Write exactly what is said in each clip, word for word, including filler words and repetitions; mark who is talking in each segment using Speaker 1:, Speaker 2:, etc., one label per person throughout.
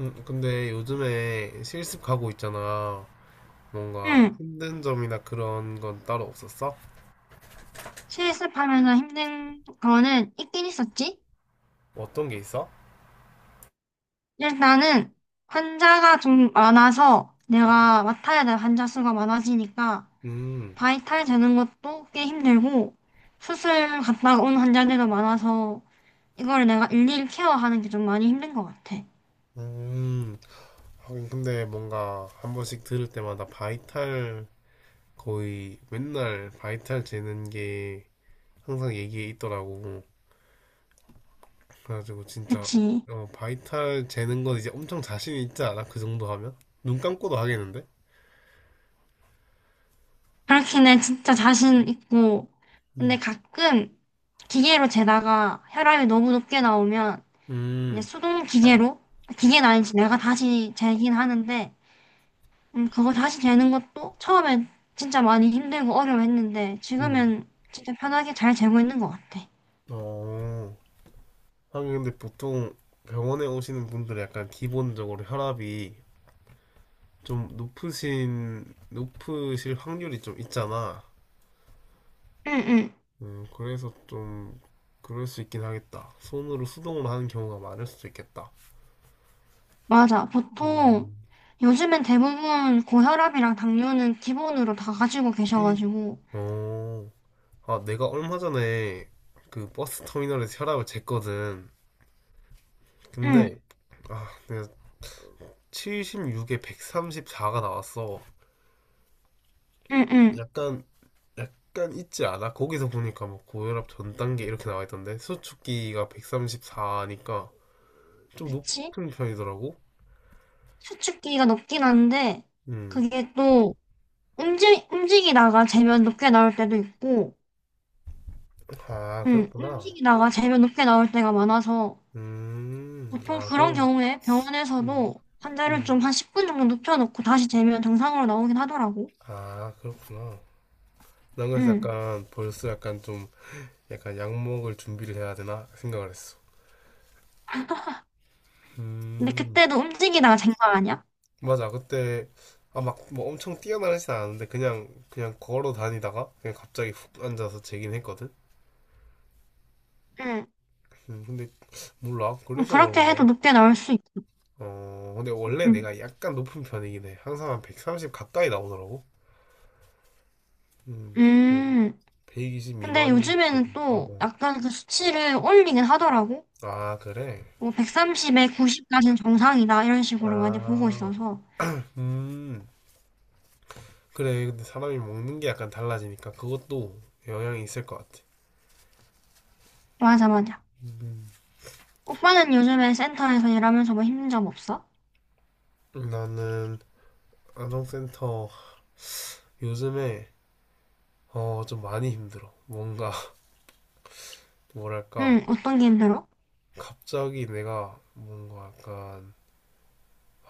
Speaker 1: 음, 근데 요즘에 실습 가고 있잖아. 뭔가
Speaker 2: 응,
Speaker 1: 힘든 점이나 그런 건 따로 없었어?
Speaker 2: 실습하면서 힘든 거는 있긴 있었지.
Speaker 1: 어떤 게 있어?
Speaker 2: 일단은 환자가 좀 많아서 내가 맡아야 될 환자 수가 많아지니까
Speaker 1: 음.
Speaker 2: 바이탈 되는 것도 꽤 힘들고 수술 갔다가 온 환자들도 많아서 이걸 내가 일일이 케어하는 게 좀 많이 힘든 것 같아.
Speaker 1: 음. 하긴 근데 뭔가 한 번씩 들을 때마다 바이탈 거의 맨날 바이탈 재는 게 항상 얘기에 있더라고. 그래가지고 진짜
Speaker 2: 그치.
Speaker 1: 어, 바이탈 재는 건 이제 엄청 자신 있지 않아? 그 정도 하면? 눈 감고도 하겠는데?
Speaker 2: 그렇긴 해. 진짜 자신 있고.
Speaker 1: 음.
Speaker 2: 근데 가끔 기계로 재다가 혈압이 너무 높게 나오면 이제
Speaker 1: 음.
Speaker 2: 수동 기계로 기계는 아니지 내가 다시 재긴 하는데 음, 그거 다시 재는 것도 처음엔 진짜 많이 힘들고 어려워했는데
Speaker 1: 음.
Speaker 2: 지금은 진짜 편하게 잘 재고 있는 것 같아.
Speaker 1: 어. 하긴 근데 보통 병원에 오시는 분들은 약간 기본적으로 혈압이 좀 높으신 높으실 확률이 좀 있잖아.
Speaker 2: 응응.
Speaker 1: 음, 그래서 좀 그럴 수 있긴 하겠다. 손으로 수동으로 하는 경우가 많을 수도 있겠다.
Speaker 2: 맞아. 보통
Speaker 1: 음.
Speaker 2: 요즘엔 대부분 고혈압이랑 당뇨는 기본으로 다 가지고 계셔가지고
Speaker 1: 어, 아, 내가 얼마 전에 그 버스 터미널에서 혈압을 쟀거든.
Speaker 2: 응.
Speaker 1: 근데 아, 내가 칠십육에 백삼십사가 나왔어.
Speaker 2: 응응.
Speaker 1: 약간 약간 있지 않아? 거기서 보니까 뭐 고혈압 전 단계 이렇게 나와 있던데 수축기가 백삼십사니까 좀
Speaker 2: 그치.
Speaker 1: 높은 편이더라고.
Speaker 2: 수축기가 높긴 한데
Speaker 1: 음.
Speaker 2: 그게 또 움직 움직이다가 재면 높게 나올 때도 있고
Speaker 1: 아,
Speaker 2: 응,
Speaker 1: 그렇구나.
Speaker 2: 움직이다가 재면 높게 나올 때가 많아서
Speaker 1: 음.
Speaker 2: 보통
Speaker 1: 아,
Speaker 2: 그런
Speaker 1: 그럼.
Speaker 2: 경우에
Speaker 1: 음.
Speaker 2: 병원에서도 환자를
Speaker 1: 음.
Speaker 2: 좀 한 십 분 정도 눕혀놓고 다시 재면 정상으로 나오긴 하더라고.
Speaker 1: 아, 그렇구나. 난 그래서
Speaker 2: 응.
Speaker 1: 약간 벌써 약간 좀 약간 약 먹을 준비를 해야 되나 생각을 했어.
Speaker 2: 근데
Speaker 1: 음.
Speaker 2: 그때도 움직이다가 잰 거 아니야?
Speaker 1: 맞아. 그때 아, 막, 뭐 엄청 뛰어나르진 않았는데, 그냥, 그냥 걸어 다니다가, 그냥 갑자기 훅 앉아서 재긴 했거든?
Speaker 2: 응.
Speaker 1: 음, 근데 몰라. 그래서
Speaker 2: 그렇게 해도
Speaker 1: 그런가?
Speaker 2: 높게 나올 수 있어.
Speaker 1: 어, 근데 원래
Speaker 2: 응.
Speaker 1: 내가 약간 높은 편이긴 해. 항상 한 백삼십 가까이 나오더라고. 음,
Speaker 2: 음.
Speaker 1: 뭐백이십
Speaker 2: 근데
Speaker 1: 미만이
Speaker 2: 요즘에는
Speaker 1: 거든. 어,
Speaker 2: 또
Speaker 1: 어.
Speaker 2: 약간 그 수치를 올리긴 하더라고.
Speaker 1: 아, 그래?
Speaker 2: 뭐 백삼십에 구십까지는 정상이다. 이런 식으로 많이 보고
Speaker 1: 아,
Speaker 2: 있어서.
Speaker 1: 음, 그래. 근데 사람이 먹는 게 약간 달라지니까 그것도 영향이 있을 것 같아.
Speaker 2: 맞아, 맞아.
Speaker 1: 음,
Speaker 2: 오빠는 요즘에 센터에서 일하면서 뭐 힘든 점 없어?
Speaker 1: 나는 안정센터 요즘에 어, 좀 많이 힘들어. 뭔가 뭐랄까
Speaker 2: 응. 어떤 게 힘들어?
Speaker 1: 갑자기 내가 뭔가 약간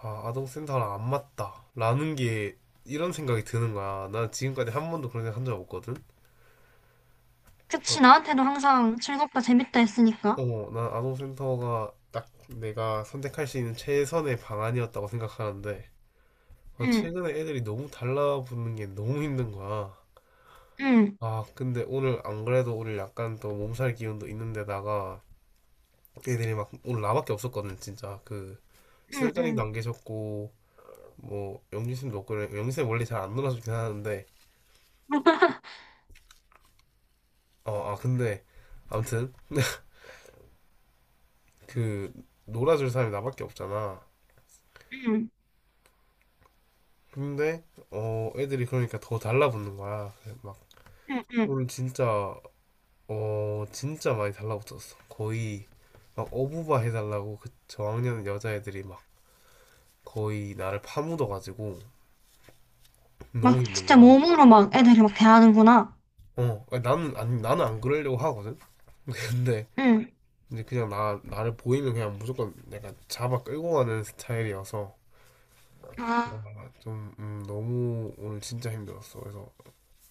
Speaker 1: 아, 아동센터랑 안 맞다. 라는 게 이런 생각이 드는 거야. 난 지금까지 한 번도 그런 생각 한 적 없거든.
Speaker 2: 그치,
Speaker 1: 그러니까,
Speaker 2: 나한테도 항상 즐겁다, 재밌다 했으니까.
Speaker 1: 어, 난 아동센터가 딱 내가 선택할 수 있는 최선의 방안이었다고 생각하는데, 아,
Speaker 2: 응.
Speaker 1: 최근에 애들이 너무 달라붙는 게 너무 힘든 거야.
Speaker 2: 응,
Speaker 1: 아, 근데 오늘 안 그래도 오늘 약간 또 몸살 기운도 있는데다가 애들이 막 오늘 나밖에 없었거든, 진짜. 그
Speaker 2: 응,
Speaker 1: 시설장님도
Speaker 2: 응.
Speaker 1: 안 계셨고, 뭐 영진 쌤도 없고, 영진 쌤 원래 잘 안 놀아주긴 하는데, 어, 아 근데 아무튼 그 놀아줄 사람이 나밖에 없잖아.
Speaker 2: 응,
Speaker 1: 근데 어 애들이 그러니까 더 달라붙는 거야. 그래서 막
Speaker 2: 응, 응.
Speaker 1: 오늘 진짜 어 진짜 많이 달라붙었어. 거의 막 어부바 해달라고 그 저학년 여자애들이 막 거의 나를 파묻어가지고 너무
Speaker 2: 막
Speaker 1: 힘든
Speaker 2: 진짜
Speaker 1: 거야.
Speaker 2: 몸으로 막 애들이 막 대하는구나.
Speaker 1: 어 아니, 나는 아니 나는 안 그러려고 하거든. 근데
Speaker 2: 응.
Speaker 1: 이제 그냥 나 나를 보이면 그냥 무조건 내가 잡아 끌고 가는 스타일이어서
Speaker 2: 아,
Speaker 1: 아, 좀 음, 너무 오늘 진짜 힘들었어. 그래서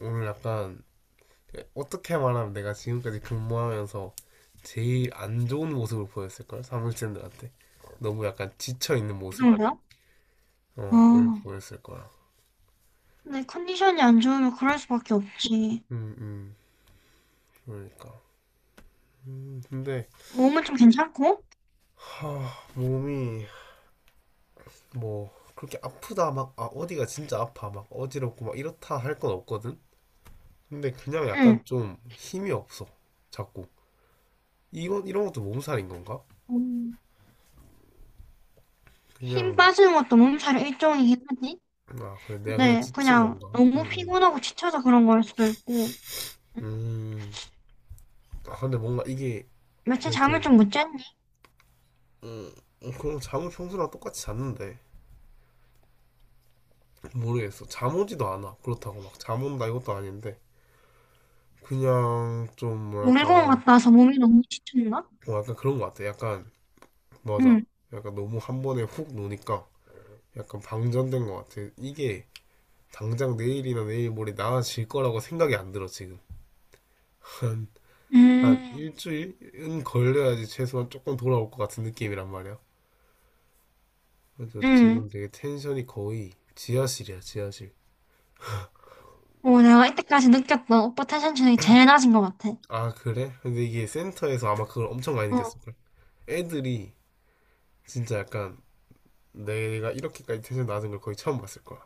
Speaker 1: 오늘 약간 어떻게 말하면 내가 지금까지 근무하면서 제일 안 좋은 모습을 보였을 걸 사무실들한테 너무 약간 지쳐 있는
Speaker 2: 그
Speaker 1: 모습
Speaker 2: 정도야?
Speaker 1: 어, 을
Speaker 2: 아.
Speaker 1: 보였을 거야.
Speaker 2: 근데 컨디션이 안 좋으면 그럴 수밖에 없지.
Speaker 1: 음음 그러니까 음 근데
Speaker 2: 몸은 좀 괜찮고?
Speaker 1: 하 몸이 뭐 그렇게 아프다 막 아 어디가 진짜 아파 막 어지럽고 막 이렇다 할 건 없거든. 근데 그냥
Speaker 2: 응.
Speaker 1: 약간 좀 힘이 없어 자꾸 이건 이런 것도 몸살인 건가
Speaker 2: 음, 힘
Speaker 1: 그냥
Speaker 2: 빠지는 것도 몸살의 일종이긴 하지.
Speaker 1: 아 그래 내가 그냥
Speaker 2: 근데
Speaker 1: 지친
Speaker 2: 그냥
Speaker 1: 건가. 음.
Speaker 2: 너무
Speaker 1: 음.
Speaker 2: 피곤하고 지쳐서 그런 걸 수도 있고.
Speaker 1: 음, 아, 근데 뭔가 이게
Speaker 2: 며칠
Speaker 1: 왜 이렇게
Speaker 2: 잠을 좀 못 잤니?
Speaker 1: 음, 음, 그럼 잠을 평소랑 똑같이 잤는데 모르겠어. 잠 오지도 않아. 그렇다고 막 잠 온다 이것도 아닌데 그냥 좀 뭐랄까
Speaker 2: 놀이공원 갔다 와서 몸이 너무 지쳤나?
Speaker 1: 뭐 약간 그런 것 같아. 약간 맞아.
Speaker 2: 응.
Speaker 1: 약간 너무 한 번에 훅 노니까 약간 방전된 것 같아. 이게 당장 내일이나 내일 모레 나아질 거라고 생각이 안 들어 지금. 한, 한
Speaker 2: 음,
Speaker 1: 일주일은 걸려야지 최소한 조금 돌아올 것 같은 느낌이란 말이야. 그래서
Speaker 2: 응.
Speaker 1: 지금 되게 텐션이 거의 지하실이야 지하실.
Speaker 2: 어, 내가 이때까지 느꼈던 오빠 텐션 중에 제일 낮은 것 같아.
Speaker 1: 아, 그래? 근데 이게 센터에서 아마 그걸 엄청 많이
Speaker 2: 어,
Speaker 1: 느꼈을걸. 애들이 진짜 약간 내가 이렇게까지 텐션 낮은 걸 거의 처음 봤을 거야.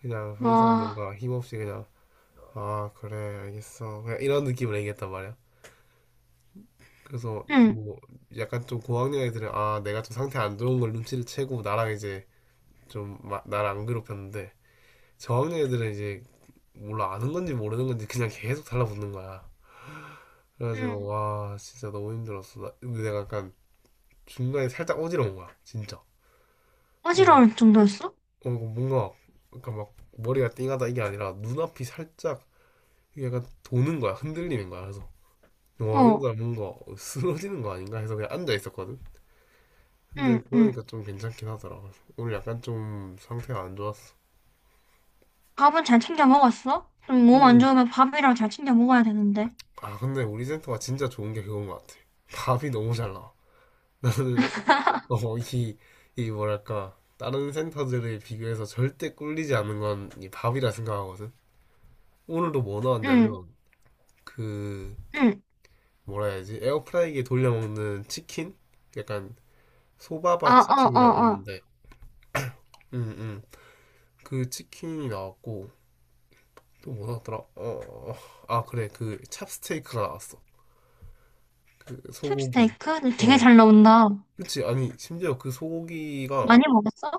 Speaker 1: 그냥 항상
Speaker 2: 와,
Speaker 1: 뭔가 힘없이 그냥, 아, 그래, 알겠어. 그냥 이런 느낌을 얘기했단 말이야. 그래서
Speaker 2: 응,
Speaker 1: 뭐 약간 좀 고학년 애들은 아, 내가 좀 상태 안 좋은 걸 눈치를 채고 나랑 이제 좀 마- 나를 안 괴롭혔는데 저학년 애들은 이제 몰라 아는 건지 모르는 건지 그냥 계속 달라붙는 거야. 그래가지고
Speaker 2: 응.
Speaker 1: 와, 진짜 너무 힘들었어. 나- 근데 내가 약간 중간에 살짝 어지러운 거야, 진짜. 어,
Speaker 2: 어지러울 정도였어?
Speaker 1: 어, 뭔가, 그러니까 막 머리가 띵하다 이게 아니라 눈앞이 살짝 이게 약간 도는 거야. 흔들리는 거야. 그래서 와,
Speaker 2: 어,
Speaker 1: 이러다 뭔가 쓰러지는 거 아닌가 해서 그냥 앉아 있었거든. 근데
Speaker 2: 응, 응.
Speaker 1: 그러니까 좀 괜찮긴 하더라. 그래서 오늘 약간 좀 상태가 안 좋았어.
Speaker 2: 밥은 잘 챙겨 먹었어? 좀 몸 안
Speaker 1: 음.
Speaker 2: 좋으면 밥이랑 잘 챙겨 먹어야 되는데.
Speaker 1: 아, 근데 우리 센터가 진짜 좋은 게 그건 것 같아. 밥이 너무 잘 나와. 나는, 어, 이, 이 뭐랄까. 다른 센터들에 비교해서 절대 꿀리지 않는 건 이 밥이라 생각하거든. 오늘도 뭐
Speaker 2: 응,
Speaker 1: 나왔냐면, 그,
Speaker 2: 응.
Speaker 1: 뭐라 해야지 에어프라이기에 돌려 먹는 치킨 약간
Speaker 2: 아,
Speaker 1: 소바바
Speaker 2: 어, 어,
Speaker 1: 치킨이라고
Speaker 2: 어.
Speaker 1: 있는데 응응. 그 치킨이 나왔고 또 뭐 나왔더라 어아 그래 그 찹스테이크가 나왔어. 그 소고기
Speaker 2: 캡스테이크? 되게
Speaker 1: 어
Speaker 2: 잘 나온다.
Speaker 1: 그치 아니 심지어 그
Speaker 2: 많이
Speaker 1: 소고기가
Speaker 2: 먹었어?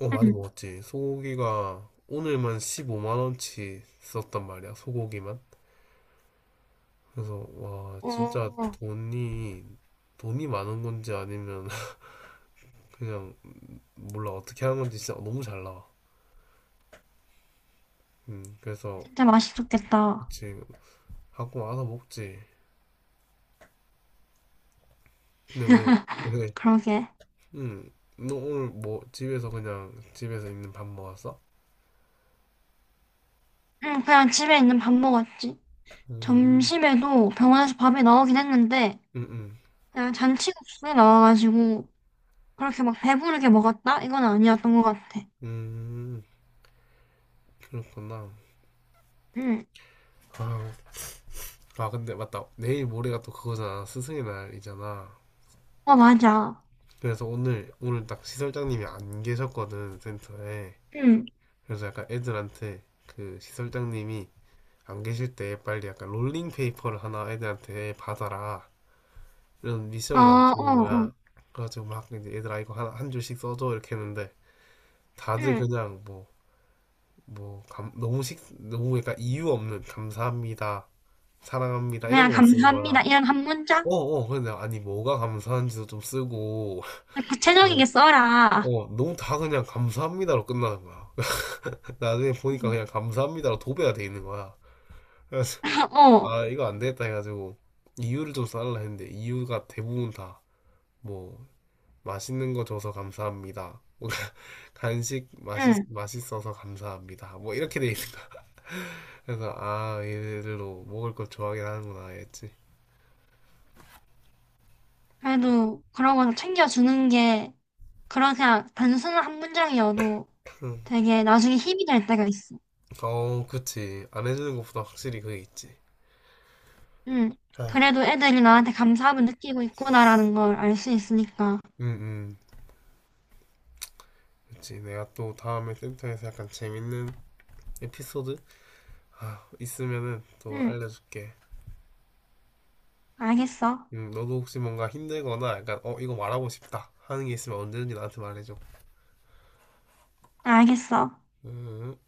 Speaker 1: 어 많이
Speaker 2: 응.
Speaker 1: 먹었지. 소고기가 오늘만 십오만 원치 썼단 말이야 소고기만. 그래서 와 진짜
Speaker 2: 어,
Speaker 1: 돈이 돈이 많은 건지 아니면 그냥 몰라 어떻게 하는 건지 진짜 너무 잘 나와. 음, 그래서
Speaker 2: 진짜 맛있었겠다.
Speaker 1: 그치 갖고 와서 먹지. 근데 왜, 왜,
Speaker 2: 그러게.
Speaker 1: 음, 너 오늘 뭐 집에서 그냥 집에서 있는 밥 먹었어?
Speaker 2: 응, 그냥 집에 있는 밥 먹었지.
Speaker 1: 음.
Speaker 2: 점심에도 병원에서 밥이 나오긴 했는데,
Speaker 1: 음. 음.
Speaker 2: 그냥 잔치국수에 나와가지고 그렇게 막 배부르게 먹었다? 이건 아니었던 것 같아.
Speaker 1: 음, 그렇구나.
Speaker 2: 응.
Speaker 1: 아, 아, 근데 맞다. 내일 모레가 또 그거잖아. 스승의 날이잖아.
Speaker 2: 어, 맞아.
Speaker 1: 그래서 오늘, 오늘 딱 시설장님이 안 계셨거든, 센터에.
Speaker 2: 응.
Speaker 1: 그래서 약간 애들한테 그 시설장님이 안 계실 때 빨리 약간 롤링 페이퍼를 하나 애들한테 받아라. 이런
Speaker 2: 어,
Speaker 1: 미션을 난
Speaker 2: 어,
Speaker 1: 주는
Speaker 2: 어.
Speaker 1: 거야. 그래가지고 막 이제 얘들아 이거 한, 한 줄씩 써줘 이렇게 했는데 다들
Speaker 2: 응.
Speaker 1: 그냥 뭐, 뭐 감, 너무 식 너무 약간 이유 없는 감사합니다, 사랑합니다 이런
Speaker 2: 그냥
Speaker 1: 거만 쓰는
Speaker 2: 감사합니다.
Speaker 1: 거야.
Speaker 2: 이런 한
Speaker 1: 어,
Speaker 2: 문장?
Speaker 1: 어, 근데 아니 뭐가 감사한지도 좀 쓰고 뭐,
Speaker 2: 구체적이게 써라.
Speaker 1: 어, 너무 다 그냥 감사합니다로 끝나는 거야. 나중에 보니까
Speaker 2: 응.
Speaker 1: 그냥 감사합니다로 도배가 돼 있는 거야. 그래서
Speaker 2: 어.
Speaker 1: 아 이거 안 되겠다 해가지고 이유를 좀 써달라 했는데 이유가 대부분 다뭐 맛있는 거 줘서 감사합니다. 뭔가 간식 맛있,
Speaker 2: 응.
Speaker 1: 맛있어서 감사합니다. 뭐 이렇게 돼 있는 거야. 그래서 아 얘들도 먹을 걸 좋아하긴 하는구나 했지.
Speaker 2: 그래도 그런 거 챙겨주는 게 그런 그냥 단순한 한 문장이어도 되게 나중에 힘이 될 때가 있어.
Speaker 1: 어 그치 안 해주는 것보다 확실히 그게 있지.
Speaker 2: 응. 그래도 애들이 나한테 감사함을 느끼고 있구나라는 걸 알 수 있으니까.
Speaker 1: 응응 그치 내가 또 다음에 센터에서 약간 재밌는 에피소드 아, 있으면은 또
Speaker 2: 응.
Speaker 1: 알려줄게.
Speaker 2: 알겠어.
Speaker 1: 음, 너도 혹시 뭔가 힘들거나 약간 어 이거 말하고 싶다 하는 게 있으면 언제든지 나한테 말해줘.
Speaker 2: 알겠어.
Speaker 1: 음.